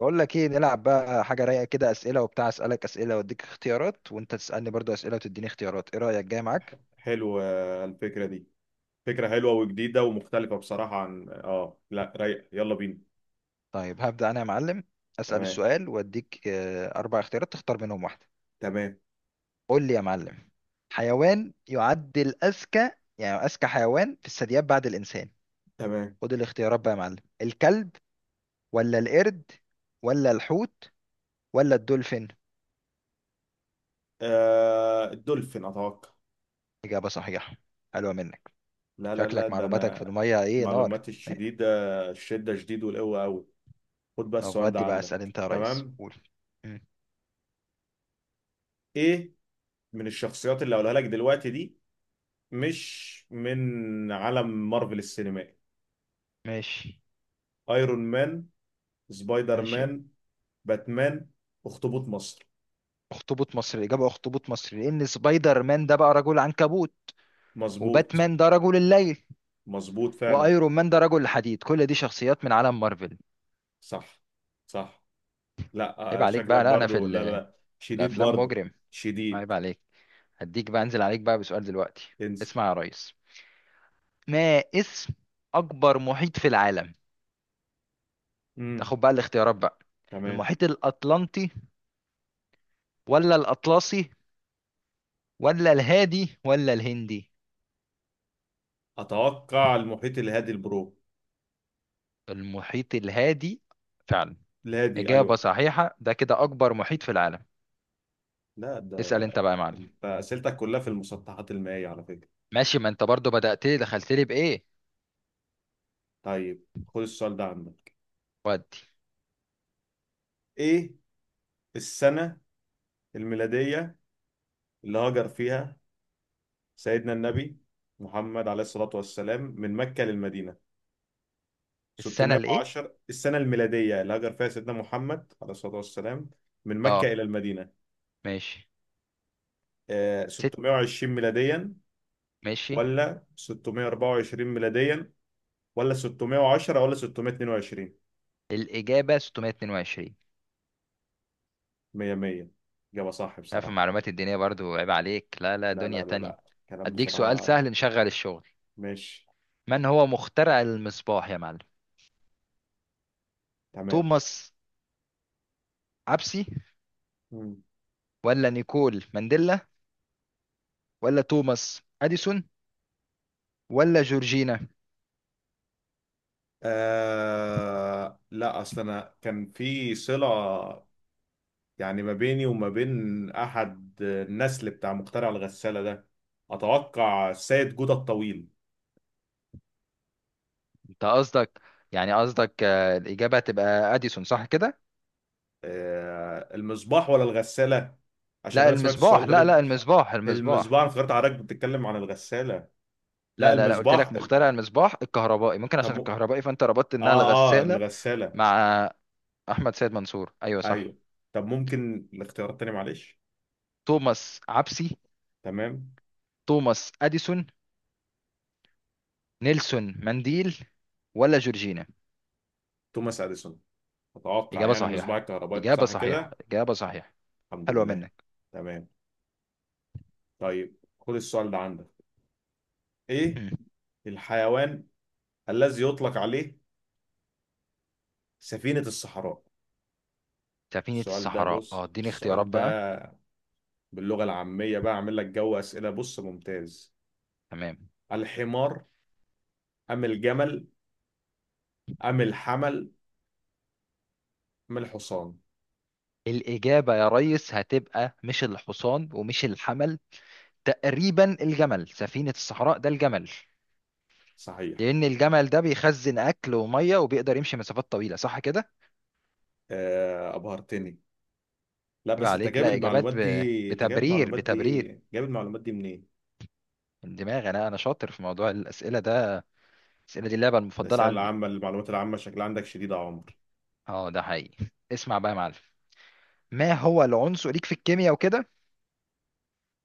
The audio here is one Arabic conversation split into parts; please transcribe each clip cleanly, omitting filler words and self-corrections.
بقول لك ايه، نلعب بقى حاجه رايقه كده. اسئله وبتاع، اسالك اسئله واديك اختيارات وانت تسالني برضو اسئله وتديني اختيارات. ايه رايك؟ جاي معاك. حلوة الفكرة دي. فكرة حلوة وجديدة ومختلفة بصراحة عن لا، رايق. يلا بينا. طيب هبدا انا يا معلم. اسال تمام. السؤال واديك اربع اختيارات تختار منهم واحده. تمام. قول لي يا معلم. حيوان يعد الاذكى، يعني اذكى حيوان في الثدييات بعد الانسان. تمام. خد الاختيارات بقى يا معلم. الكلب، ولا القرد، ولا الحوت، ولا الدولفين؟ آه، الدولفين أتوقع. اجابه صحيحه. حلوه منك. لا لا لا، شكلك ده معلوماتك في أنا. الميه، ايه نار. معلوماتي الشديدة، الشدة شديد والقوة قوي. خد بقى طب السؤال ده ودي بقى، اسال عندك. انت يا ريس، تمام. قول. إيه؟ من الشخصيات اللي هقولها لك دلوقتي دي، مش من عالم مارفل السينمائي؟ ماشي. ايرون مان، سبايدر مان، ماشي. باتمان، اخطبوط مصر. اخطبوط مصري. الاجابه اخطبوط مصري، لان سبايدر مان ده بقى رجل عنكبوت، مظبوط. وباتمان ده رجل الليل، مظبوط فعلا. وايرون مان ده رجل حديد، كل دي شخصيات من عالم مارفل. صح. صح. لا، عيب عليك شكلك بقى. لا انا في برضو. لا لا ال- لا. شديد الافلام برضو. مجرم. شديد. عيب عليك. هديك بقى، انزل عليك بقى بسؤال دلوقتي. انزل. اسمع يا ريس. ما اسم اكبر محيط في العالم؟ امم تاخد بقى الاختيارات بقى. تمام. المحيط الاطلنطي، ولا الاطلسي، ولا الهادي، ولا الهندي؟ اتوقع المحيط الهادي البرو. المحيط الهادي فعلا. الهادي. إجابة ايوه. صحيحة، ده كده أكبر محيط في العالم. لا اسأل ده. أنت بقى يا معلم. انت اسئلتك كلها في المسطحات المائية على فكرة. ماشي، ما أنت برضو بدأت لي، دخلت لي بإيه. طيب خد السؤال ده عندك. ودي. ايه؟ السنة الميلادية اللي هاجر فيها سيدنا النبي محمد عليه الصلاة والسلام من مكة للمدينة. السنة الإيه؟ 610 السنة الميلادية اللي هاجر فيها سيدنا محمد عليه الصلاة والسلام من مكة أه، إلى المدينة. ماشي. ست، 620 ميلاديا، ماشي. ولا 624 ميلاديا، ولا 610، ولا 622. الإجابة 622. 100 100. إجابة صح لا في بصراحة. المعلومات الدينية برضو عيب عليك، لا لا، لا دنيا لا لا تانية. لا، كلام أديك سؤال بصراحة. سهل نشغل الشغل. ماشي. من هو مخترع المصباح يا معلم؟ تمام. توماس عبسي، مم. ولا نيكول مانديلا، ولا توماس أديسون، ولا جورجينا؟ لا، أصل أنا كان في صلة، يعني ما بيني وما بين أحد النسل بتاع مخترع الغسالة ده. أتوقع السيد جودة الطويل. أنت قصدك، يعني قصدك الإجابة هتبقى أديسون صح كده؟ المصباح ولا الغسالة؟ عشان لا انا سمعت السؤال المصباح، لا غالبا. لا، المصباح المصباح. المصباح، انا افتكرت حضرتك بتتكلم عن الغسالة. لا لا، لا لا، قلت لك المصباح مخترع المصباح الكهربائي، ممكن طب عشان الكهربائي فانت ربطت انها اه الغسالة. الغسالة. مع احمد سيد منصور، ايوه صح. ايوه. طب ممكن الاختيار التاني معلش. توماس عبسي، تمام. توماس اديسون، نيلسون مانديل، ولا جورجينا؟ توماس اديسون اتوقع. اجابة يعني مصباح صحيحة، الكهرباء اجابة صح صحيحة، كده؟ اجابة صحيحة. الحمد حلوة لله. منك. تمام. طيب خد السؤال ده عندك. ايه؟ مم. الحيوان الذي يطلق عليه سفينة الصحراء. سفينة الصحراء، اه اديني اختيارات السؤال بقى. ده باللغة العامية بقى، أعمل لك جو أسئلة بص ممتاز. تمام. الحمار، أم الجمل، أم الحمل، أم الحصان. الاجابة يا ريس هتبقى مش الحصان ومش الحمل، تقريبا الجمل. سفينة الصحراء ده الجمل، صحيح. لأن الجمل ده بيخزن أكل ومية وبيقدر يمشي مسافات طويلة، صح كده؟ آه، أبهرتني. لا عيب بس أنت عليك. جايب لا، المعلومات إجابات دي، أنت جايب بتبرير، المعلومات دي. بتبرير. جايب المعلومات دي منين؟ من دماغي أنا، أنا شاطر في موضوع الأسئلة ده، الأسئلة دي اللعبة المفضلة الرسائل عندي. العامة، المعلومات العامة شكلها عندك شديد يا عمر. أه ده حقيقي. اسمع بقى يا معلم، ما هو العنصر ليك في الكيمياء وكده؟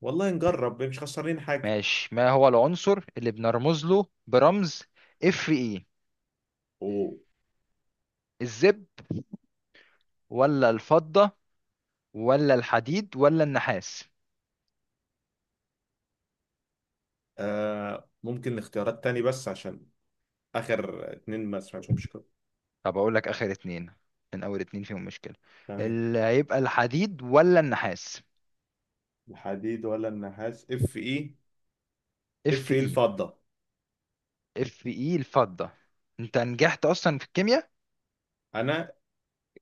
والله نجرب، مش خسرانين حاجة. ماشي. ما هو العنصر اللي بنرمز له برمز اف اي؟ و الزب، ولا الفضة، ولا الحديد، ولا النحاس؟ ممكن اختيارات تاني بس عشان آخر اتنين ما سمعتهمش كده. طب أقول لك آخر اتنين، من أول اتنين فيهم مشكلة. تمام. اللي هيبقى الحديد ولا النحاس؟ الحديد ولا النحاس؟ اف ايه. اف اف ايه اي. الفضة. اف اي الفضة؟ انت نجحت اصلا في الكيمياء. انا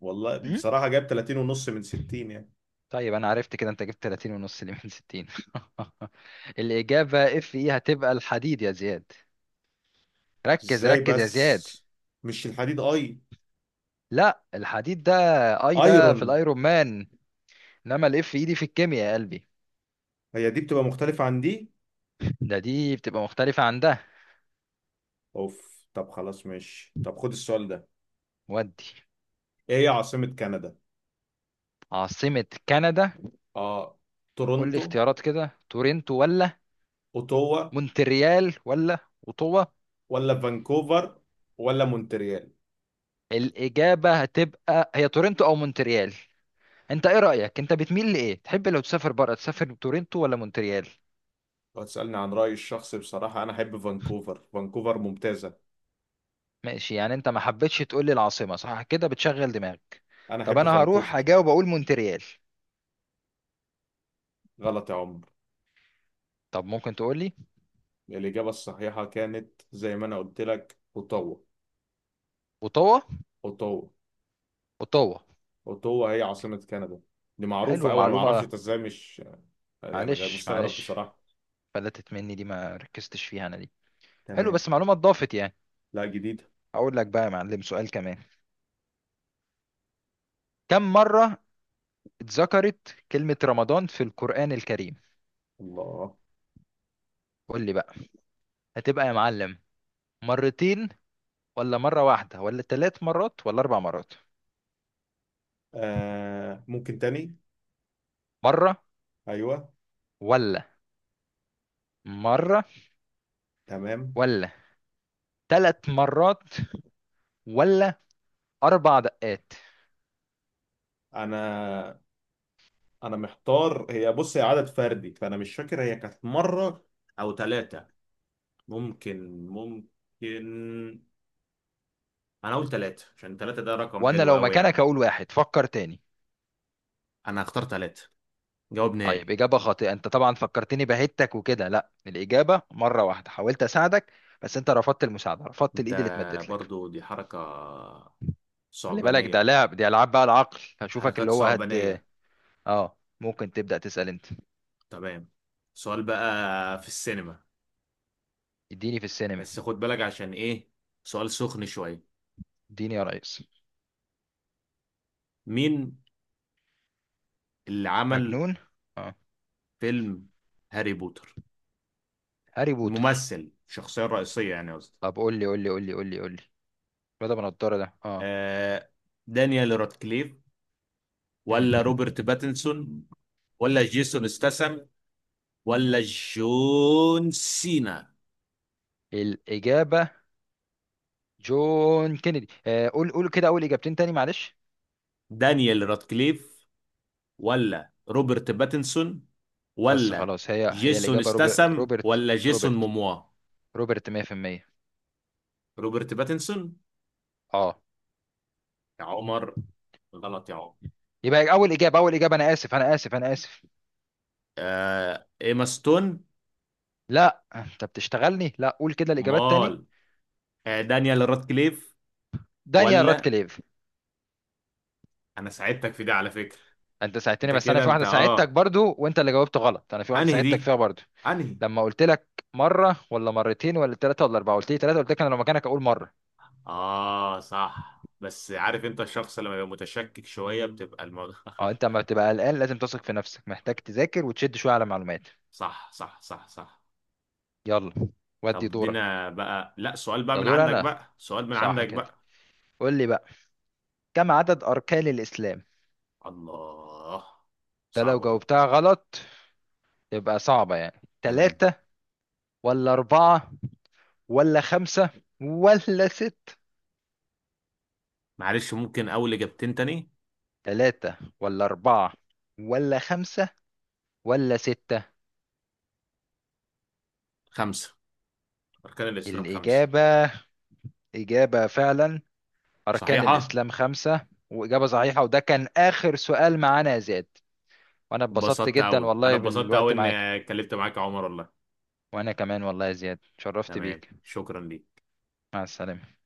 والله مم؟ بصراحة جاب 30 ونص من 60 يعني. طيب انا عرفت كده، انت جبت 30 ونص اللي من 60. الاجابة اف اي هتبقى الحديد يا زياد. ركز ازاي ركز يا زياد. بس؟ مش الحديد اي؟ لا الحديد ده. اي ده في ايرون. الايرون مان، انما الاف اي دي في الكيمياء يا قلبي. هي دي بتبقى مختلفة عن دي. ده دي بتبقى مختلفة عن ده. اوف. طب خلاص، ماشي. طب خد السؤال ده. ودي. ايه هي عاصمة كندا؟ عاصمة كندا. اه، قول لي تورونتو، اختيارات كده. تورنتو، ولا اوتوا، مونتريال، ولا اوتوا. ولا فانكوفر، ولا مونتريال. الإجابة هتبقى هي تورنتو أو مونتريال. انت ايه رأيك؟ انت بتميل لايه؟ تحب لو تسافر بره تسافر تورنتو ولا مونتريال؟ لو تسألني عن رأيي الشخصي بصراحة، انا احب فانكوفر. فانكوفر ممتازة. ماشي، يعني انت ما حبيتش تقول لي العاصمة، صح كده؟ بتشغل دماغك. انا طب احب انا هروح فانكوفر. هجاوب، اقول مونتريال. غلط يا عمر. طب ممكن تقول لي. الإجابة الصحيحة كانت زي ما انا قلت لك، اوتوا. اوتاوا. اوتوا. اوتاوا. اوتوا هي عاصمة كندا. دي معروفة حلو، أوي، أنا معرفش معلومة. أنت إزاي مش. يعني غير معلش، مستغرب معلش. بصراحة. فلتت مني دي، ما ركزتش فيها انا دي. حلو، تمام. بس معلومة اتضافت يعني. لا، جديدة. اقول لك بقى يا معلم سؤال كمان. كم مرة اتذكرت كلمة رمضان في القرآن الكريم؟ الله. قول لي بقى. هتبقى يا معلم مرتين، ولا مرة واحدة، ولا ثلاث مرات، ولا أربع مرات؟ آه، ممكن تاني؟ مرة، أيوه. ولا مرة، تمام. ولا ثلاث مرات، ولا أربع دقات. أنا أنا محتار. هي بص، هي عدد فردي، فأنا مش فاكر هي كانت مرة أو ثلاثة. ممكن ممكن. أنا أقول ثلاثة عشان ثلاثة ده رقم وأنا حلو لو أوي يعني. مكانك هقول واحد، فكر تاني. أنا هختار ثلاثة. جواب طيب نهائي. إجابة خاطئة. أنت طبعا فكرتني بهتك وكده. لا الإجابة مرة واحدة. حاولت أساعدك بس أنت رفضت المساعدة، رفضت الإيد اللي ده اتمدت لك. برضو دي حركة خلي بالك ده صعبانية. لعب، دي ألعاب بقى العقل، هشوفك حركات اللي هو هت. صعبانية. آه ممكن تبدأ تسأل أنت. تمام. سؤال بقى في السينما. اديني في السينما. بس خد بالك عشان ايه، سؤال سخن شوية. اديني يا ريس. مين اللي عمل مجنون. آه. فيلم هاري بوتر، هاري بوتر. الممثل الشخصية الرئيسية يعني قصدي؟ طب قول لي قول لي. بدأ بنضارة ده اه. آه، دانيال رادكليف، مم. ولا روبرت باتنسون، ولا جيسون استسم، ولا جون سينا. الإجابة جون كينيدي. آه قول قول كده أول إجابتين تاني معلش. دانيال رادكليف، ولا روبرت باتنسون، بس ولا خلاص هي هي جيسون الإجابة استسم، روبرت. ولا جيسون روبرت. موموا. روبرت 100%. روبرت باتنسون اه. يا عمر. غلط يا عمر. يبقى أول إجابة أول إجابة، أنا آسف أنا آسف أنا آسف. آه، ايما ستون. لا أنت بتشتغلني. لا قول كده الإجابات تاني. مال. آه، دانيال رادكليف دانيال ولا. راتكليف. انا ساعدتك في دي على فكرة. أنت ساعدتني انت بس أنا كده في انت واحدة ساعدتك اه برضو، وأنت اللي جاوبت غلط. أنا في واحدة انهي ساعدتك دي؟ فيها برضو. انهي؟ لما قلت لك مرة ولا مرتين ولا ثلاثة ولا أربعة، قلت لي ثلاثة، قلت لك أنا لو مكانك أقول مرة. اه صح. بس عارف، انت الشخص لما يبقى متشكك شوية بتبقى الموضوع. اه انت لما بتبقى قلقان لازم تثق في نفسك، محتاج تذاكر وتشد شويه على معلومات. صح صح صح صح. يلا. ودي طب دورك. ادينا بقى. لا، سؤال بقى ده من دور عندك انا، بقى، سؤال من صح عندك كده؟ بقى. قول لي بقى. كم عدد اركان الاسلام؟ الله، ده لو صعبة دي. جاوبتها غلط يبقى صعبه. يعني تمام. تلاتة، ولا أربعة، ولا خمسة، ولا ست؟ معلش ممكن اول اجابتين تاني. تلاتة ولا أربعة ولا خمسة ولا ستة. خمسة. اركان الاسلام خمسة. الإجابة، إجابة فعلا. أركان صحيحة. الإسلام خمسة، وإجابة صحيحة، وده كان آخر سؤال معانا يا زياد. وانا اتبسطت اتبسطت جدا قوي. انا والله اتبسطت قوي بالوقت ان معاك. اتكلمت معاك يا عمر والله. وانا كمان والله يا زياد شرفت تمام. بيك. شكرا ليك. مع السلامة.